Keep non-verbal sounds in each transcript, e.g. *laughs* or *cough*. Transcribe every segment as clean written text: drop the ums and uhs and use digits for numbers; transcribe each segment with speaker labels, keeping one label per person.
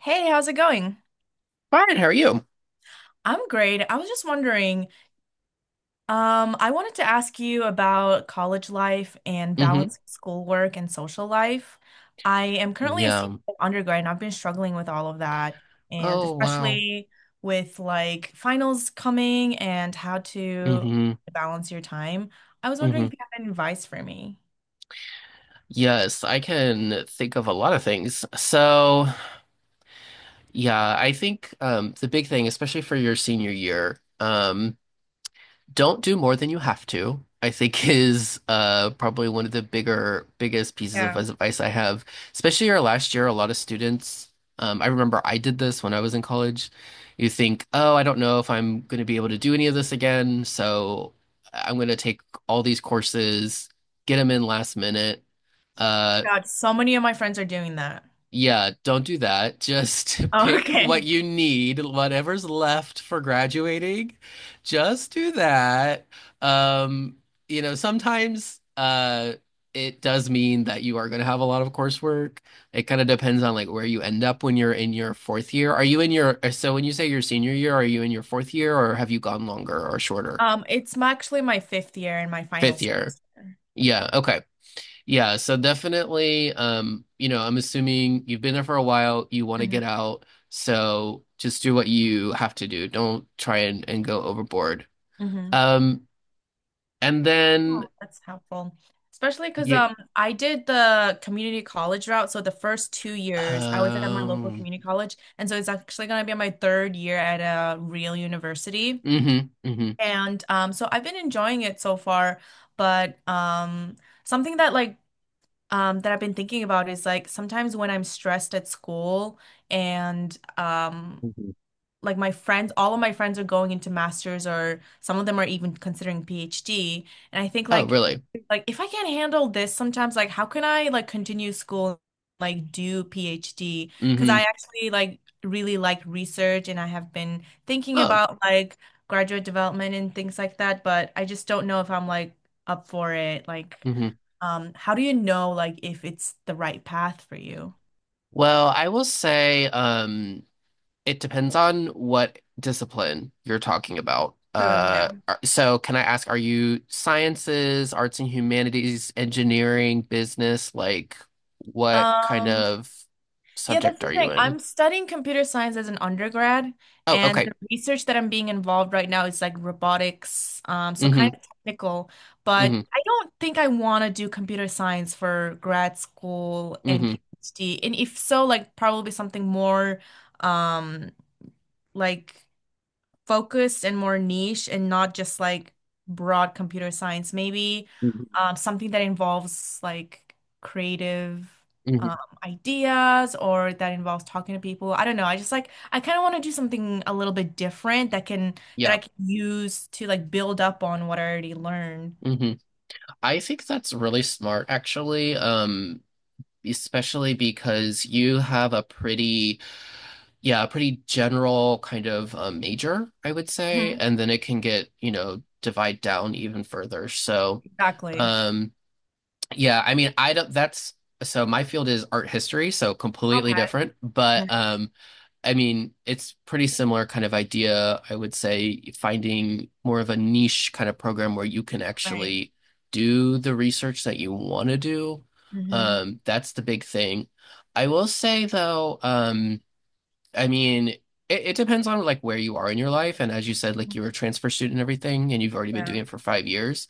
Speaker 1: Hey, how's it going?
Speaker 2: Fine, how are you?
Speaker 1: I'm great. I was just wondering, I wanted to ask you about college life and
Speaker 2: Hmm.
Speaker 1: balancing schoolwork and social life. I am currently a senior
Speaker 2: Yeah.
Speaker 1: undergrad and I've been struggling with all of that, and
Speaker 2: Oh, wow.
Speaker 1: especially with like finals coming and how to
Speaker 2: Hmm
Speaker 1: balance your time. I was wondering
Speaker 2: hmm.
Speaker 1: if you have any advice for me.
Speaker 2: Yes, I can think of a lot of things. So, yeah, I think the big thing, especially for your senior year, don't do more than you have to, I think *laughs* is probably one of the biggest pieces of
Speaker 1: Yeah.
Speaker 2: advice I have. Especially our last year, a lot of students, I remember I did this when I was in college. You think, oh, I don't know if I'm going to be able to do any of this again, so I'm going to take all these courses, get them in last minute. Uh,
Speaker 1: God, so many of my friends are doing that. *laughs*
Speaker 2: yeah, don't do that. Just *laughs*
Speaker 1: Oh,
Speaker 2: pick what
Speaker 1: okay.
Speaker 2: you need, whatever's left for graduating. Just do that. Um, you know, sometimes it does mean that you are going to have a lot of coursework. It kind of depends on like where you end up when you're in your fourth year. Are you in your so when you say your senior year, are you in your fourth year or have you gone longer or shorter?
Speaker 1: It's my, actually my fifth year and my final
Speaker 2: Fifth year.
Speaker 1: semester.
Speaker 2: Yeah, okay. Yeah, so definitely, you know, I'm assuming you've been there for a while, you want to get out, so just do what you have to do. Don't try and go overboard.
Speaker 1: Hmm
Speaker 2: Um, and
Speaker 1: Yeah,
Speaker 2: then
Speaker 1: that's helpful. Especially because
Speaker 2: yeah,
Speaker 1: I did the community college route. So the first 2 years I was at my local
Speaker 2: um,
Speaker 1: community college. And so it's actually gonna be my third year at a real university.
Speaker 2: hmm hmm.
Speaker 1: And so I've been enjoying it so far, but something that that I've been thinking about is like sometimes when I'm stressed at school and like my friends, all of my friends are going into masters or some of them are even considering PhD. And I think
Speaker 2: Oh,
Speaker 1: like
Speaker 2: really?
Speaker 1: like if I can't handle this sometimes like how can I like continue school like do PhD? Because
Speaker 2: Hmm.
Speaker 1: I actually like really like research and I have been thinking
Speaker 2: Oh.
Speaker 1: about like graduate development and things like that, but I just don't know if I'm like up for it. Like
Speaker 2: Hmm.
Speaker 1: how do you know like if it's the right path for you?
Speaker 2: Well, I will say, it depends on what discipline you're talking about.
Speaker 1: True, yeah.
Speaker 2: So can I ask, are you sciences, arts and humanities, engineering, business? Like, what kind
Speaker 1: Um,
Speaker 2: of
Speaker 1: yeah, that's
Speaker 2: subject
Speaker 1: the
Speaker 2: are you
Speaker 1: thing.
Speaker 2: in?
Speaker 1: I'm studying computer science as an undergrad,
Speaker 2: Oh,
Speaker 1: and
Speaker 2: okay.
Speaker 1: the research that I'm being involved right now is like robotics, so
Speaker 2: Mm-hmm.
Speaker 1: kind of technical, but
Speaker 2: Mm-hmm.
Speaker 1: I don't think I want to do computer science for grad school and
Speaker 2: Mm-hmm.
Speaker 1: PhD. And if so, like probably something more um like focused and more niche and not just like broad computer science. Maybe
Speaker 2: Mm-hmm.
Speaker 1: something that involves like creative um,
Speaker 2: Mm-hmm.
Speaker 1: ideas or that involves talking to people. I don't know. I just like I kind of want to do something a little bit different that can that I
Speaker 2: Yeah.
Speaker 1: can use to like build up on what I already learned.
Speaker 2: Mm-hmm. I think that's really smart, actually. Especially because you have a a pretty general kind of major, I would say,
Speaker 1: Mhm.
Speaker 2: and then it can get, you know, divide down even further. So,
Speaker 1: Exactly.
Speaker 2: um, yeah, I mean, I don't, that's, so my field is art history, so completely
Speaker 1: Okay.
Speaker 2: different, but
Speaker 1: Nice.
Speaker 2: I mean, it's pretty similar kind of idea, I would say, finding more of a niche kind of program where you can
Speaker 1: Right.
Speaker 2: actually do the research that you want to do.
Speaker 1: hmm
Speaker 2: That's the big thing. I will say though, I mean, it depends on like where you are in your life. And as you said, like you're a transfer student and everything, and you've already been doing
Speaker 1: Yeah.
Speaker 2: it for 5 years.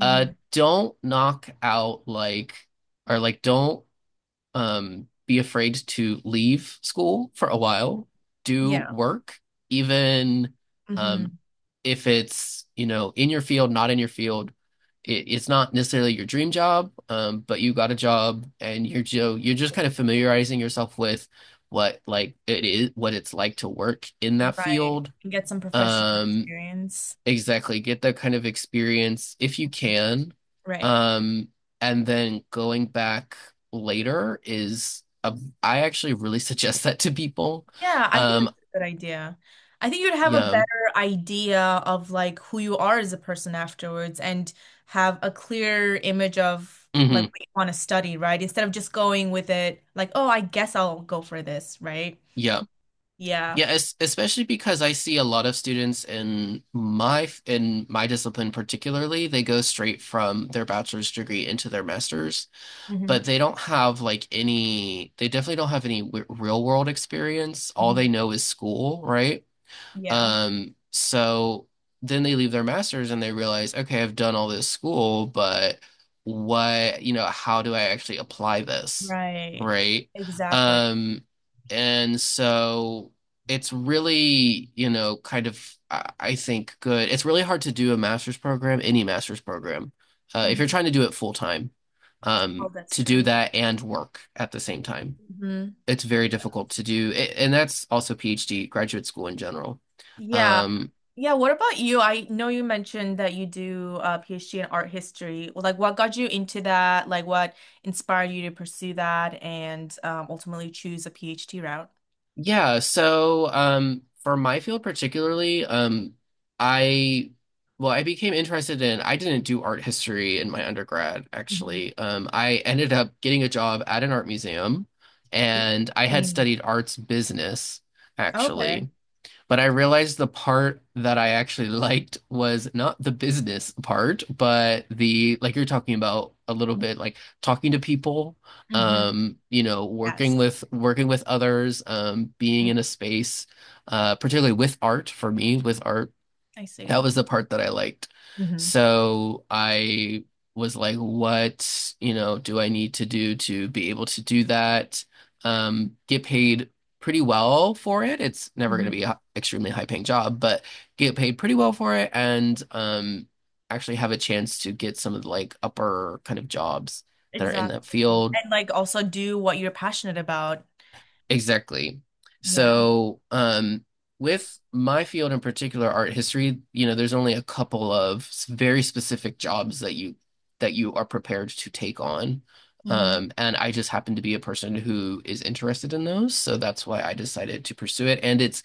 Speaker 2: Uh, don't knock out like, or like, don't Be afraid to leave school for a while, do
Speaker 1: Yeah.
Speaker 2: work, even um,
Speaker 1: hmm
Speaker 2: if it's, you know, in your field, not in your field. It's not necessarily your dream job, but you got a job and you're Joe, you're just kind of familiarizing yourself with what like it is, what it's like to work in that
Speaker 1: Right.
Speaker 2: field.
Speaker 1: And get some professional
Speaker 2: Um,
Speaker 1: experience.
Speaker 2: Exactly. Get that kind of experience if you can.
Speaker 1: Right.
Speaker 2: Um, and then going back later is a, I actually really *laughs* suggest that to people.
Speaker 1: Yeah, I think
Speaker 2: Um,
Speaker 1: that's a good idea. I think you'd have a
Speaker 2: yeah.
Speaker 1: better idea of like who you are as a person afterwards and have a clear image of like
Speaker 2: Hmm.
Speaker 1: what you want to study, right? Instead of just going with it like, oh, I guess I'll go for this, right?
Speaker 2: Yeah.
Speaker 1: Yeah.
Speaker 2: Yeah, es Especially because I see a lot of students in my discipline particularly, they go straight from their bachelor's degree into their master's, but
Speaker 1: hmm
Speaker 2: they don't have like any, they definitely don't have any w real world experience. All
Speaker 1: hmm
Speaker 2: they know is school, right?
Speaker 1: Yeah.
Speaker 2: So then they leave their masters and they realize, okay, I've done all this school, but what, you know, how do I actually apply this?
Speaker 1: Right.
Speaker 2: Right.
Speaker 1: Exactly.
Speaker 2: Um, and so it's really, you know, I think, good. It's really hard to do a master's program, any master's program, if you're
Speaker 1: hmm
Speaker 2: trying to do it full time,
Speaker 1: Oh, that's
Speaker 2: to
Speaker 1: true.
Speaker 2: do
Speaker 1: Yeah.
Speaker 2: that and work at the same time,
Speaker 1: Mhm.
Speaker 2: it's very difficult to do, and that's also PhD graduate school in general.
Speaker 1: Yeah.
Speaker 2: Um,
Speaker 1: Yeah, what about you? I know you mentioned that you do a PhD in art history. Well, like what got you into that? Like what inspired you to pursue that and ultimately choose a PhD route?
Speaker 2: for my field particularly, I well, I became interested in. I didn't do art history in my undergrad,
Speaker 1: Mhm.
Speaker 2: actually. I ended up getting a job at an art museum, and I had
Speaker 1: Interesting.
Speaker 2: studied arts business,
Speaker 1: Okay.
Speaker 2: actually. But I realized the part that I actually *laughs* liked was not the business part, but the like you're talking about a little bit, like talking to people,
Speaker 1: hmm
Speaker 2: you know,
Speaker 1: Yes.
Speaker 2: working with others, being
Speaker 1: Mm,
Speaker 2: in a space, particularly with art for me, with art
Speaker 1: I see.
Speaker 2: that was the part that I liked.
Speaker 1: Hmm
Speaker 2: So I was like, what, you know, do I need to do to be able to do that? Get paid pretty well for it. It's never going to be
Speaker 1: hmm
Speaker 2: an extremely high paying job, but get paid pretty well for it, and actually have a chance to get some of the like upper kind of jobs that are in
Speaker 1: Exactly.
Speaker 2: that field.
Speaker 1: And like also do what you're passionate about.
Speaker 2: Exactly.
Speaker 1: Yeah.
Speaker 2: So, with my field in particular, art history, you know, there's only a couple of very specific jobs that you are prepared to take on.
Speaker 1: hmm
Speaker 2: And I just happen to be a person who is interested in those, so that's why I decided to pursue it. And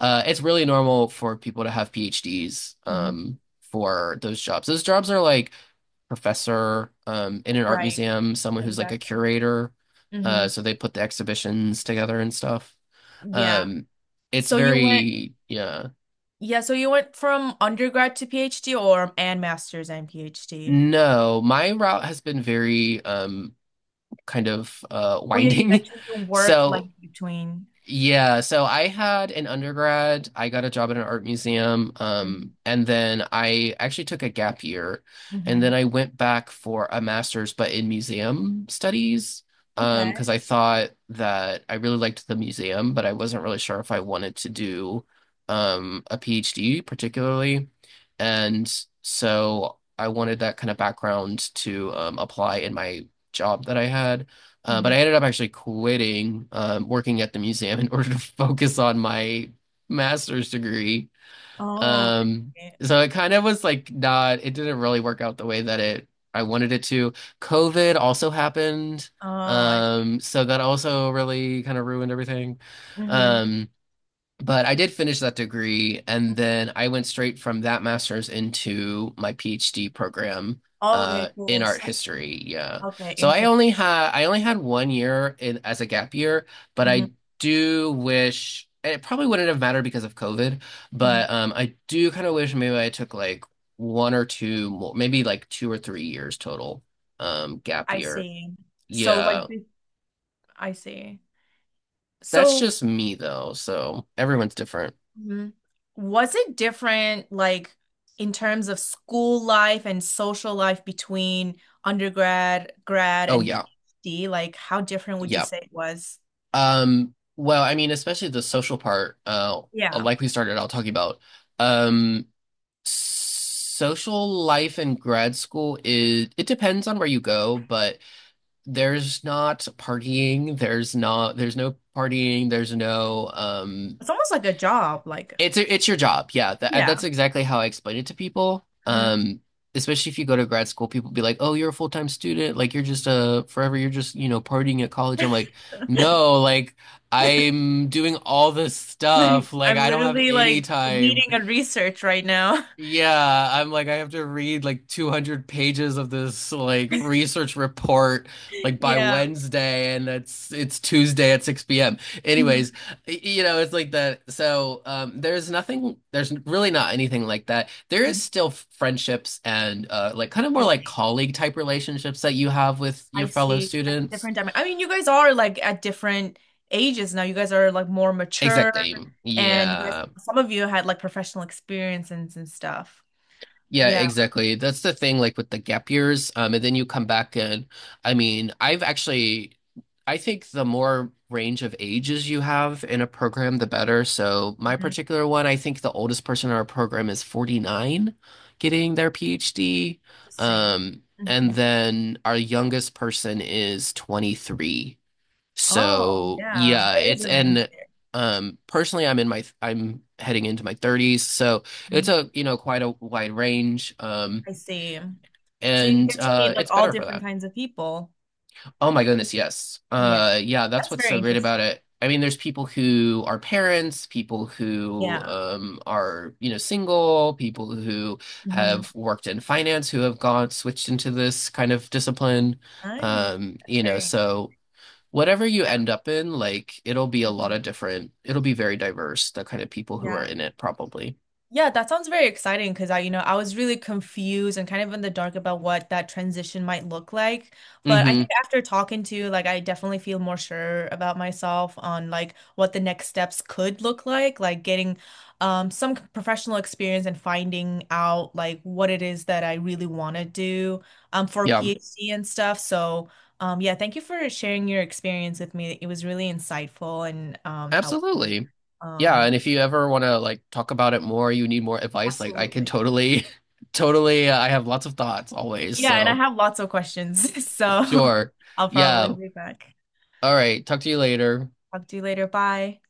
Speaker 2: it's really normal for people to have PhDs
Speaker 1: hmm
Speaker 2: for those jobs. Those jobs are like professor in an art
Speaker 1: Right.
Speaker 2: museum, someone who's like a
Speaker 1: Exactly.
Speaker 2: curator.
Speaker 1: hmm
Speaker 2: So they put the exhibitions together and stuff.
Speaker 1: Yeah.
Speaker 2: Um, it's
Speaker 1: So you went
Speaker 2: very, yeah.
Speaker 1: Yeah, so you went from undergrad to PhD or and master's and PhD.
Speaker 2: No, my route has been very
Speaker 1: Oh yeah, you
Speaker 2: winding.
Speaker 1: mentioned you
Speaker 2: *laughs*
Speaker 1: worked like
Speaker 2: So
Speaker 1: between.
Speaker 2: Yeah, so I had an undergrad. I got a job at an art museum,
Speaker 1: Hmm
Speaker 2: and then I actually took a gap year, and then
Speaker 1: hmm
Speaker 2: I went back for a master's, but in museum studies, because
Speaker 1: Okay.
Speaker 2: I thought that I really liked the museum, but I wasn't really sure if I wanted to do a PhD particularly, and so I wanted that kind of background to apply in my job that I had. But I
Speaker 1: hmm
Speaker 2: ended up actually quitting working at the museum *laughs* in order to focus on my master's degree.
Speaker 1: Oh, I
Speaker 2: Um,
Speaker 1: see.
Speaker 2: so it kind of was like not, it didn't really work out the way that it I wanted it to. COVID also happened.
Speaker 1: Oh, I
Speaker 2: So that also really kind of ruined everything.
Speaker 1: see. Hmm
Speaker 2: Um, but I did finish that degree, and then I went straight from that master's into my PhD program
Speaker 1: Okay,
Speaker 2: in
Speaker 1: cool.
Speaker 2: art
Speaker 1: So
Speaker 2: history. Yeah,
Speaker 1: okay,
Speaker 2: so
Speaker 1: interesting.
Speaker 2: I only had 1 year in, as a gap year, but
Speaker 1: Hmm
Speaker 2: I do wish, and it probably wouldn't have mattered because of COVID.
Speaker 1: hmm
Speaker 2: But I do kind of wish maybe I took like one or two more, maybe like 2 or 3 years total gap
Speaker 1: I
Speaker 2: year.
Speaker 1: see. So
Speaker 2: Yeah,
Speaker 1: like this, I see.
Speaker 2: that's
Speaker 1: So
Speaker 2: just me though, so everyone's different.
Speaker 1: Mhm. Was it different, like in terms of school life and social life between undergrad, grad,
Speaker 2: Oh
Speaker 1: and
Speaker 2: yeah.
Speaker 1: PhD? Like, how different would you
Speaker 2: Yeah.
Speaker 1: say it was?
Speaker 2: Well, I mean, especially the social part,
Speaker 1: Yeah.
Speaker 2: like we started out talking about, um, social life in grad school is, it depends on where you go, but there's not partying, there's no partying, there's no,
Speaker 1: It's almost like a job, like,
Speaker 2: it's your job. Yeah, that's
Speaker 1: yeah.
Speaker 2: exactly how I explain it to people.
Speaker 1: Mhm.
Speaker 2: Especially if you go to grad school, people be like, "Oh, you're a full-time student. Like you're just a forever. You're just, you know, partying at college." I'm like,
Speaker 1: *laughs*
Speaker 2: "No, like I'm doing all this
Speaker 1: Like,
Speaker 2: stuff. Like
Speaker 1: I'm
Speaker 2: I don't have
Speaker 1: literally
Speaker 2: any
Speaker 1: like
Speaker 2: time,
Speaker 1: leading a research right now. *laughs*
Speaker 2: yeah, I'm like I have to read like 200 pages of this like research report like by
Speaker 1: Yeah.
Speaker 2: Wednesday, and it's Tuesday at 6 p.m." Anyways,
Speaker 1: Mhm.
Speaker 2: you know, it's like that. So there's nothing there's really not anything like that. There is
Speaker 1: Mhm.
Speaker 2: still friendships and like kind of more
Speaker 1: I
Speaker 2: like
Speaker 1: see.
Speaker 2: colleague type relationships that you have with your
Speaker 1: I
Speaker 2: fellow
Speaker 1: see at the
Speaker 2: students.
Speaker 1: different time. I mean, you guys are like at different ages now. You guys are like more mature,
Speaker 2: Exactly.
Speaker 1: and you guys,
Speaker 2: Yeah.
Speaker 1: some of you had like professional experiences and stuff.
Speaker 2: Yeah,
Speaker 1: Yeah.
Speaker 2: exactly. That's the thing, like with the gap years. And then you come back and I mean, I think the more range of ages you have in a program, the better. So my
Speaker 1: Mhm.
Speaker 2: particular one, I think the oldest person in our program is 49 getting their PhD.
Speaker 1: Interesting. Hmm
Speaker 2: And then our youngest person is 23.
Speaker 1: Oh,
Speaker 2: So
Speaker 1: yeah.
Speaker 2: yeah,
Speaker 1: There is
Speaker 2: it's
Speaker 1: a range
Speaker 2: and
Speaker 1: there.
Speaker 2: personally I'm heading into my 30s, so it's
Speaker 1: Mhm.
Speaker 2: a, you know, quite a wide range,
Speaker 1: I see. So you
Speaker 2: and
Speaker 1: get to meet like
Speaker 2: it's
Speaker 1: all
Speaker 2: better for
Speaker 1: different
Speaker 2: that.
Speaker 1: kinds of people.
Speaker 2: Oh my goodness, yes.
Speaker 1: Yeah.
Speaker 2: Yeah, that's
Speaker 1: That's
Speaker 2: what's
Speaker 1: very
Speaker 2: so great about
Speaker 1: interesting.
Speaker 2: it. I mean, there's people who are parents, people who
Speaker 1: Yeah.
Speaker 2: are, you know, single, people who
Speaker 1: hmm
Speaker 2: have worked in finance who have gone switched into this kind of discipline.
Speaker 1: Nice. That's
Speaker 2: You know,
Speaker 1: very,
Speaker 2: so whatever you
Speaker 1: yeah.
Speaker 2: end up in, like it'll be a lot
Speaker 1: hmm
Speaker 2: of different, it'll be very diverse, the kind of people who are
Speaker 1: Yeah.
Speaker 2: in it probably.
Speaker 1: Yeah, that sounds very exciting because I, you know, I was really confused and kind of in the dark about what that transition might look like. But I
Speaker 2: Hmm.
Speaker 1: think after talking to you, like I definitely feel more sure about myself on like what the next steps could look like getting some c- professional experience and finding out like what it is that I really want to do for a
Speaker 2: Yeah,
Speaker 1: PhD and stuff. So yeah, thank you for sharing your experience with me. It was really insightful and helpful.
Speaker 2: absolutely. Yeah,
Speaker 1: Um,
Speaker 2: and if you ever want to like talk about it more, you need more advice, like I can
Speaker 1: absolutely.
Speaker 2: totally *laughs* totally I have lots of thoughts always.
Speaker 1: Yeah, and I
Speaker 2: So,
Speaker 1: have lots of questions, *laughs* so
Speaker 2: sure.
Speaker 1: I'll probably
Speaker 2: Yeah.
Speaker 1: be back.
Speaker 2: All right, talk to you later.
Speaker 1: Talk to you later. Bye.